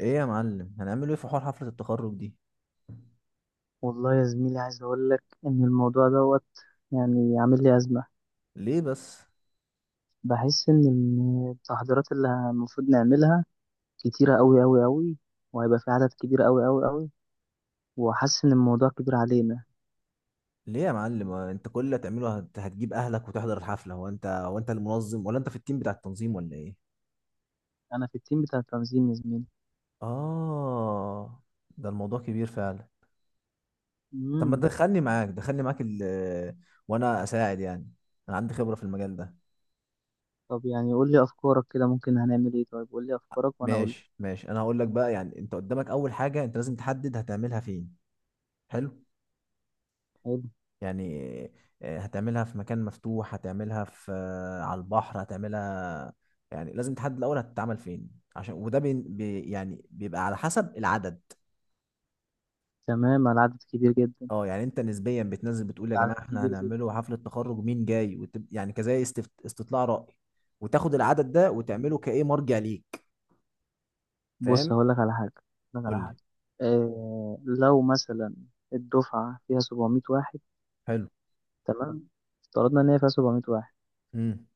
ايه يا معلم هنعمله ايه في حوار حفلة التخرج دي؟ والله يا زميلي، عايز أقول لك إن الموضوع دوت يعني عامل لي أزمة. ليه بس؟ بحس إن التحضيرات اللي المفروض نعملها كتيرة أوي أوي أوي، وهيبقى في عدد كبير أوي أوي أوي، وحاسس إن الموضوع كبير علينا. ليه يا معلم؟ هو انت كل اللي هتعمله هتجيب اهلك وتحضر الحفلة؟ هو انت المنظم ولا انت في التيم بتاع التنظيم ولا ايه؟ أنا في التيم بتاع التنظيم يا زميلي. اه، ده الموضوع كبير فعلا. طب ما مم. تدخلني معاك، دخلني معاك وانا اساعد يعني، انا عندي خبرة في المجال ده. طب يعني قول لي أفكارك كده، ممكن هنعمل إيه؟ طيب قول لي أفكارك وأنا أقول لك. ماشي، انا هقول لك بقى. يعني انت قدامك اول حاجة انت لازم تحدد هتعملها فين. حلو. حلو. يعني هتعملها في مكان مفتوح، هتعملها في على البحر، هتعملها يعني، لازم تحدد الاول هتتعمل فين، عشان وده يعني بيبقى على حسب العدد. تمام. العدد كبير جدا. اه، يعني انت نسبيا بتنزل بتقول يا جماعه العدد احنا كبير جدا. هنعمله حفله تخرج، مين جاي، يعني استطلاع راي، وتاخد العدد ده وتعمله كايه مرجع ليك. بص فاهم. هقول لك على حاجة. هقول لك قول على حاجة. لي. إيه؟ لو مثلا الدفعة فيها 700 واحد. حلو. تمام، افترضنا ان هي فيها 700 واحد. امم.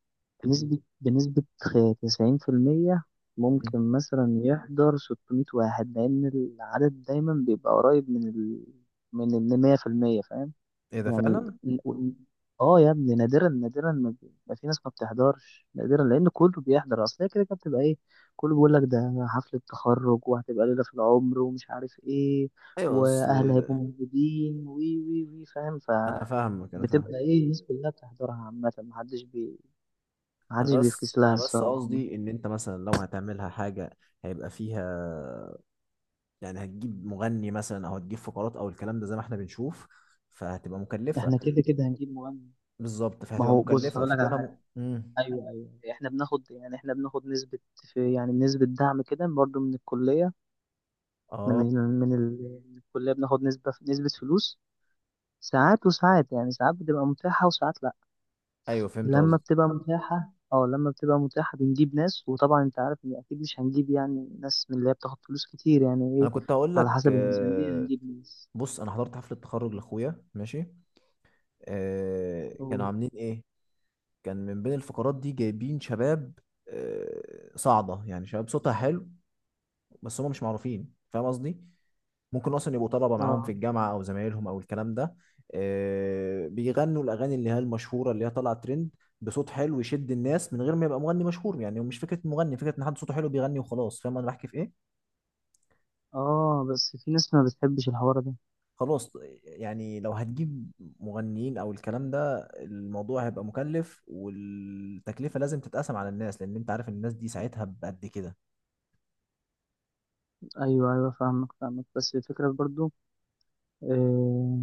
بنسبة 90%، ممكن مثلا يحضر 600 واحد، لان العدد دايما بيبقى قريب من من ال 100%، فاهم؟ ايه ده يعني فعلا. ال- وال- اه يا ابني، نادرا نادرا ما في ناس ما بتحضرش نادرا، لان كله بيحضر. اصل هي كده كده بتبقى ايه، كله بيقول لك ده حفلة تخرج وهتبقى ليلة في العمر ومش عارف ايه، ايوه اصل. واهل هيبقوا موجودين وي وي وي، فاهم؟ ف انا فاهمك. بتبقى ايه الناس كلها بتحضرها عامة. انا محدش بس بيفكس لها انا بس الصراحة. قصدي ان انت مثلا لو هتعملها حاجه هيبقى فيها، يعني هتجيب مغني مثلا او هتجيب فقرات او الكلام ده زي ما احنا بنشوف، فهتبقى مكلفه. احنا كده كده هنجيب مغني. بالظبط، ما فهتبقى هو بص مكلفه هقول لك على فكنا حاجة. مم. ايوه ايوه، احنا بناخد يعني احنا بناخد نسبة في يعني نسبة دعم كده برضه من الكلية. من اه من الكلية بناخد نسبة فلوس. ساعات وساعات يعني ساعات بتبقى متاحة وساعات لأ. ايوه، فهمت لما قصدي. بتبقى متاحة، اه لما بتبقى متاحة بنجيب ناس. وطبعا انت عارف ان اكيد مش هنجيب يعني ناس من اللي هي بتاخد فلوس كتير يعني انا ايه. كنت هقول على لك، حسب الميزانية هنجيب ناس. بص، انا حضرت حفله تخرج لاخويا، ماشي. كانوا أوه. عاملين ايه؟ كان من بين الفقرات دي جايبين شباب صاعده، يعني شباب صوتها حلو، بس هم مش معروفين، فاهم قصدي. ممكن اصلا يبقوا طلبه معاهم في اه الجامعه او زمايلهم او الكلام ده. بيغنوا الاغاني اللي هي المشهوره اللي هي طالعه ترند، بصوت حلو يشد الناس من غير ما يبقى مغني مشهور. يعني مش فكره مغني، فكره ان حد صوته حلو بيغني وخلاص، فاهم انا بحكي في ايه. اه، بس في ناس ما بتحبش الحوار ده. خلاص. يعني لو هتجيب مغنيين او الكلام ده الموضوع هيبقى مكلف، والتكلفه لازم تتقسم على الناس، لان انت عارف الناس دي ساعتها بقد كده. ايوه ايوه فاهمك فاهمك، بس الفكرة برضو آه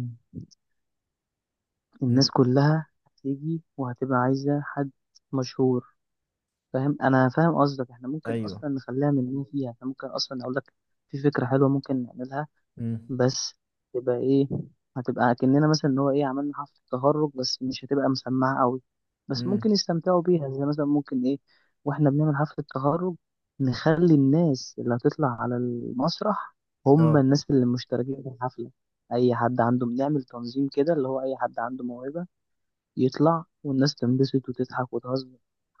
امم. الناس كلها هتيجي وهتبقى عايزة حد مشهور. فاهم، انا فاهم قصدك. احنا ممكن ايوه. اصلا نخليها من مين فيها، احنا ممكن اصلا اقول لك في فكره حلوه ممكن نعملها. امم. بس تبقى ايه؟ هتبقى كأننا مثلا ان هو ايه عملنا حفله تخرج، بس مش هتبقى مسمعه قوي. بس ممكن امم. يستمتعوا بيها. زي مثلا ممكن ايه، واحنا بنعمل حفله تخرج نخلي الناس اللي هتطلع على المسرح هم اه، الناس اللي مشتركين في الحفله. اي حد عنده بنعمل تنظيم كده، اللي هو اي حد عنده موهبه يطلع والناس تنبسط وتضحك وتهزر.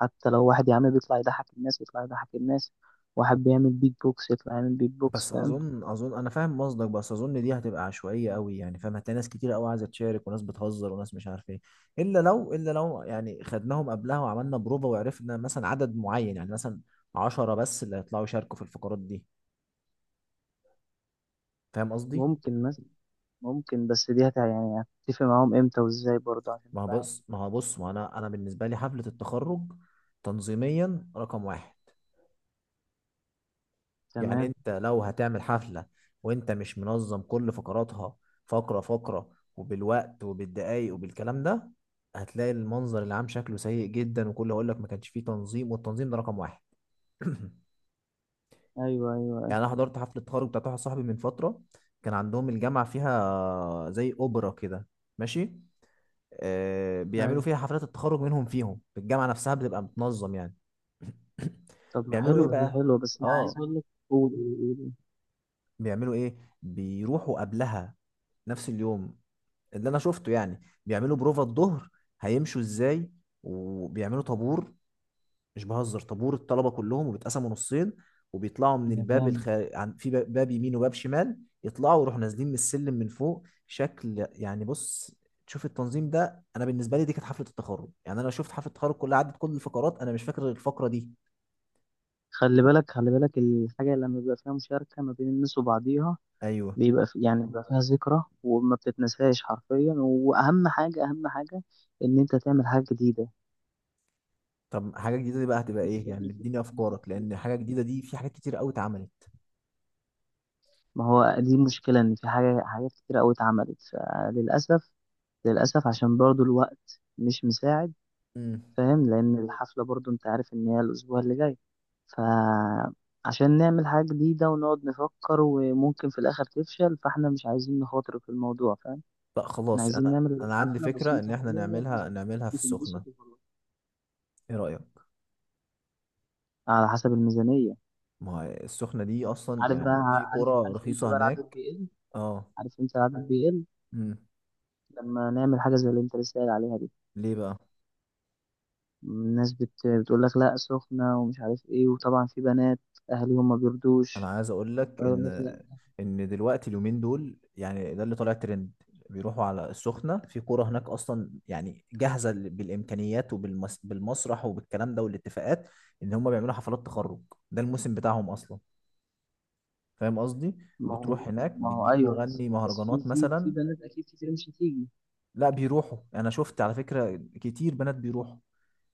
حتى لو واحد يا عم بيطلع يضحك الناس يطلع يضحك الناس، واحد بيعمل بيت بوكس يطلع يعمل بيت بوكس، بس فاهم؟ اظن انا فاهم قصدك، بس اظن دي هتبقى عشوائيه قوي يعني، فاهم. هتلاقي ناس كتير قوي عايزه تشارك، وناس بتهزر، وناس مش عارف ايه. الا لو يعني خدناهم قبلها وعملنا بروفه، وعرفنا مثلا عدد معين، يعني مثلا عشرة بس اللي هيطلعوا يشاركوا في الفقرات دي. فاهم قصدي. ممكن مثلا، ممكن بس دي هت يعني هتتفق معاهم امتى وازاي برضه عشان ما هو تبقى عارف. بص ما هو بص ما انا بالنسبه لي حفله التخرج تنظيميا رقم واحد. يعني تمام. انت لو هتعمل حفلة وانت مش منظم كل فقراتها، فقرة فقرة، وبالوقت وبالدقايق وبالكلام ده، هتلاقي المنظر العام شكله سيء جدا، وكله هقول لك ما كانش فيه تنظيم. والتنظيم ده رقم واحد. ايوه ايوه يعني انا حضرت حفلة تخرج بتاعت واحد صاحبي من فترة. كان عندهم الجامعة فيها زي اوبرا كده، ماشي. بيعملوا ايوه. فيها حفلات التخرج منهم، فيهم في الجامعة نفسها، بتبقى متنظم يعني. طب ما بيعملوا ايه حلوه دي بقى؟ حلوه، بس انا عايز اه. اقول لك. قول قول قول. بيعملوا ايه؟ بيروحوا قبلها نفس اليوم، اللي انا شفته يعني، بيعملوا بروفة الظهر، هيمشوا ازاي، وبيعملوا طابور، مش بهزر، طابور الطلبة كلهم، وبيتقسموا نصين، وبيطلعوا من ده جامد. في باب يمين وباب شمال، يطلعوا ويروحوا نازلين من السلم من فوق. شكل يعني، بص، تشوف التنظيم ده. انا بالنسبه لي دي كانت حفله التخرج، يعني انا شفت حفله التخرج كلها، عدت كل الفقرات، انا مش فاكر غير الفقره دي. خلي بالك خلي بالك، الحاجه لما بيبقى فيها مشاركه ما بين الناس وبعضيها ايوه. بيبقى في يعني بيبقى فيها ذكرى وما بتتنساش حرفيا. واهم حاجه اهم حاجه ان انت تعمل حاجه جديده. طب حاجه جديده دي بقى هتبقى ايه يعني؟ اديني افكارك، لان حاجه جديده دي في حاجات كتير قوي اتعملت. ما هو دي المشكله، ان في حاجات كتير قوي اتعملت. فللاسف للاسف عشان برضو الوقت مش مساعد. مم. فاهم، لان الحفله برضو انت عارف ان هي الاسبوع اللي جاي. فعشان نعمل حاجه جديده ونقعد نفكر وممكن في الاخر تفشل، فاحنا مش عايزين نخاطر في الموضوع، فاهم؟ لا احنا خلاص، عايزين انا نعمل انا عندي حفله فكره ان بسيطه احنا حلوه، الناس نعملها في السخنه. تنبسط وخلاص. ايه رايك؟ على حسب الميزانية. ما هي السخنه دي اصلا عارف بقى يعني، في صح، عارف قرى عارف امتى رخيصه بقى العدد هناك. بيقل؟ اه. عارف امتى العدد بيقل؟ امم. لما نعمل حاجة زي اللي انت لسه قايل عليها دي. ليه بقى؟ بتقول لك لا سخنة ومش عارف ايه، وطبعا في بنات اهاليهم ما انا بيرضوش، عايز اقول لك ان فيقول لك لا. ان دلوقتي اليومين دول يعني ده اللي طالع ترند. بيروحوا على السخنه في قرى هناك اصلا يعني جاهزه، بالامكانيات وبالمسرح وبالكلام ده والاتفاقات، ان هم بيعملوا حفلات تخرج. ده الموسم بتاعهم اصلا، فاهم قصدي. ما هو بتروح هناك ما هو بتجيب ايوه، بس مغني في مهرجانات مثلا. بنات اكيد كتير مش هتيجي. لا، بيروحوا، يعني انا شفت على فكره كتير بنات بيروحوا.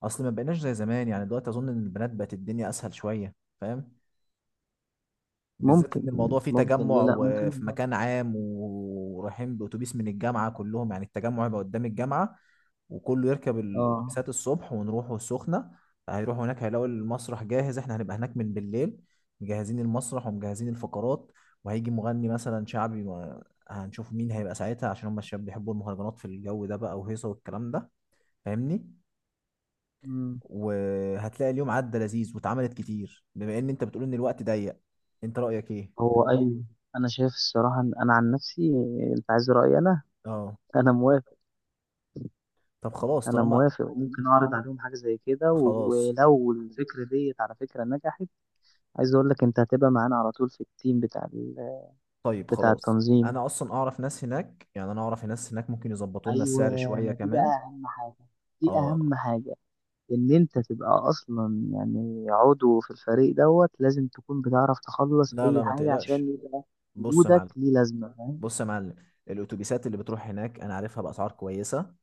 اصل ما بقيناش زي زمان يعني، دلوقتي اظن ان البنات بقت الدنيا اسهل شويه، فاهم. بالذات ممكن، ان الموضوع فيه ممكن ليه تجمع، لا، ممكن. وفي مكان عام، ورايحين باتوبيس من الجامعه كلهم. يعني التجمع يبقى قدام الجامعه، وكله يركب اه. الاتوبيسات الصبح، ونروحوا السخنه. هيروحوا هناك، هيلاقوا المسرح جاهز. احنا هنبقى هناك من بالليل مجهزين المسرح ومجهزين الفقرات. وهيجي مغني مثلا شعبي، هنشوف مين هيبقى ساعتها، عشان هم الشباب بيحبوا المهرجانات في الجو ده بقى، وهيصه والكلام ده، فاهمني. مم. وهتلاقي اليوم عدى لذيذ واتعملت كتير، بما ان انت بتقول ان الوقت ضيق. انت رايك ايه؟ هو ايوه، انا شايف الصراحة إن انا عن نفسي، انت عايز رأيي انا؟ اه. انا موافق. طب خلاص، انا طالما. موافق وممكن اعرض عليهم حاجه زي كده، خلاص. ولو الفكره ديت على فكره نجحت، عايز اقول لك انت هتبقى معانا على طول في التيم طيب بتاع خلاص، التنظيم. انا اصلا اعرف ناس هناك، يعني انا اعرف ناس هناك ممكن يظبطوا لنا السعر ايوه، شويه ما دي كمان. بقى اهم حاجه. دي اه. اهم حاجه ان انت تبقى اصلا يعني عضو في الفريق دوت. لازم تكون بتعرف تخلص لا اي ما حاجه تقلقش. عشان يبقى بص يا وجودك معلم، ليه لازمه، فاهم؟ بص يا معلم الاتوبيسات اللي بتروح هناك انا عارفها باسعار كويسه،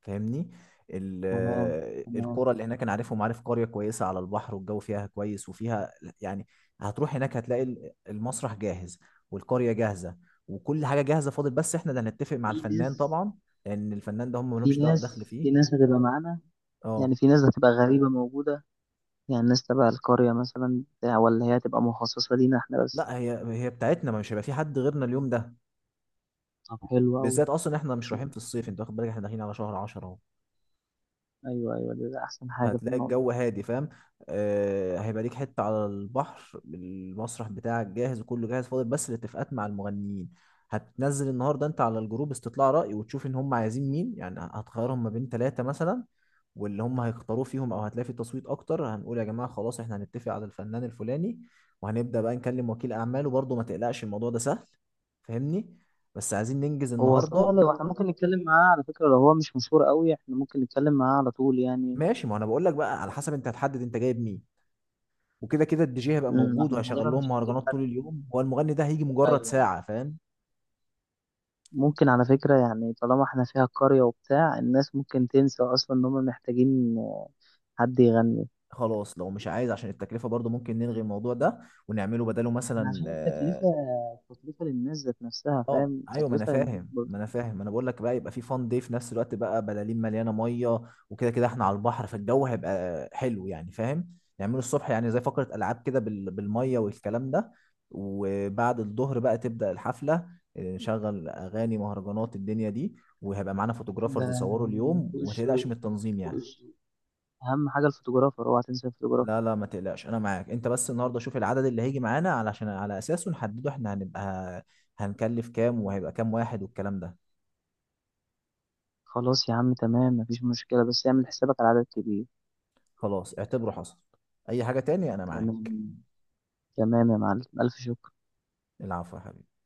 فاهمني. تمام تمام. القرى اللي هناك انا عارفهم، عارف قريه كويسه على البحر والجو فيها كويس وفيها يعني. هتروح هناك هتلاقي المسرح جاهز، والقريه جاهزه، وكل حاجه جاهزه. فاضل بس احنا اللي هنتفق مع في الفنان ناس طبعا، لان الفنان ده هم ملهمش دخل في فيه. ناس هتبقى معانا، يعني اه. في ناس هتبقى غريبه موجوده. يعني الناس تبع القرية مثلا بتاع، ولا هي هتبقى مخصصة لينا احنا بس؟ لا، هي بتاعتنا، ما مش هيبقى في حد غيرنا اليوم ده. طب حلو أوي. بالذات اصلا احنا مش ده- رايحين في الصيف، انت واخد بالك احنا داخلين على شهر 10 اهو. أيوه أيوه، ده أحسن حاجة في هتلاقي الموضوع. الجو هادي، فاهم. هيبقى ليك حتة على البحر، المسرح بتاعك جاهز وكله جاهز، فاضل بس الاتفاقات مع المغنيين. هتنزل النهارده انت على الجروب استطلاع رأي، وتشوف ان هم عايزين مين. يعني هتخيرهم ما بين ثلاثة مثلا، واللي هم هيختاروه فيهم او هتلاقي في تصويت اكتر، هنقول يا جماعة خلاص احنا هنتفق على الفنان الفلاني، وهنبدأ بقى نكلم وكيل اعماله، برضه ما تقلقش الموضوع ده سهل، فاهمني. بس عايزين ننجز هو صحيح النهارده. لو احنا ممكن نتكلم معاه، على فكرة لو هو مش مشهور أوي احنا ممكن نتكلم معاه على طول يعني. ماشي، ما انا بقول لك بقى، على حسب انت هتحدد انت جايب مين. وكده كده الدي جي هيبقى موجود، احنا وهشغل غالبا لهم مش هنجيب مهرجانات حد طول من-. اليوم، هو المغني ده هيجي أيوه مجرد أيوه. ساعة، فاهم. ممكن على فكرة، يعني طالما احنا فيها القرية وبتاع الناس ممكن تنسى أصلا إن هما محتاجين آه، حد يغني. خلاص لو مش عايز عشان التكلفة برضه ممكن نلغي الموضوع ده، ونعمله بداله احنا مثلا، عشان التكلفة، التكلفة للناس ذات نفسها، اه فاهم؟ ايوه. ما انا التكلفة للناس فاهم ما برضه. انا فاهم ما انا بقول لك بقى، يبقى في فان دي في نفس الوقت بقى، بلالين مليانه ميه. وكده كده احنا على البحر، فالجو هيبقى حلو يعني، فاهم. يعملوا الصبح يعني زي فقره العاب كده بالميه والكلام ده. وبعد الظهر بقى تبدا الحفله، نشغل اغاني مهرجانات الدنيا دي. وهيبقى معانا ده فوتوغرافرز يصوروا اليوم، فوق وما تقلقش الشغل. من التنظيم فوق يعني. الشغل. أهم حاجة الفوتوغرافر، أوعى تنسى الفوتوغرافر. لا ما تقلقش، انا معاك. انت بس النهارده شوف العدد اللي هيجي معانا، علشان على اساسه نحدده، احنا هنبقى هنكلف كام وهيبقى كام واحد والكلام ده. خلاص يا عم تمام، مفيش مشكلة، بس اعمل حسابك على عدد كبير. خلاص، اعتبره حصل. اي حاجة تاني انا معاك. تمام تمام يا معلم، ألف شكر. العفو يا حبيبي.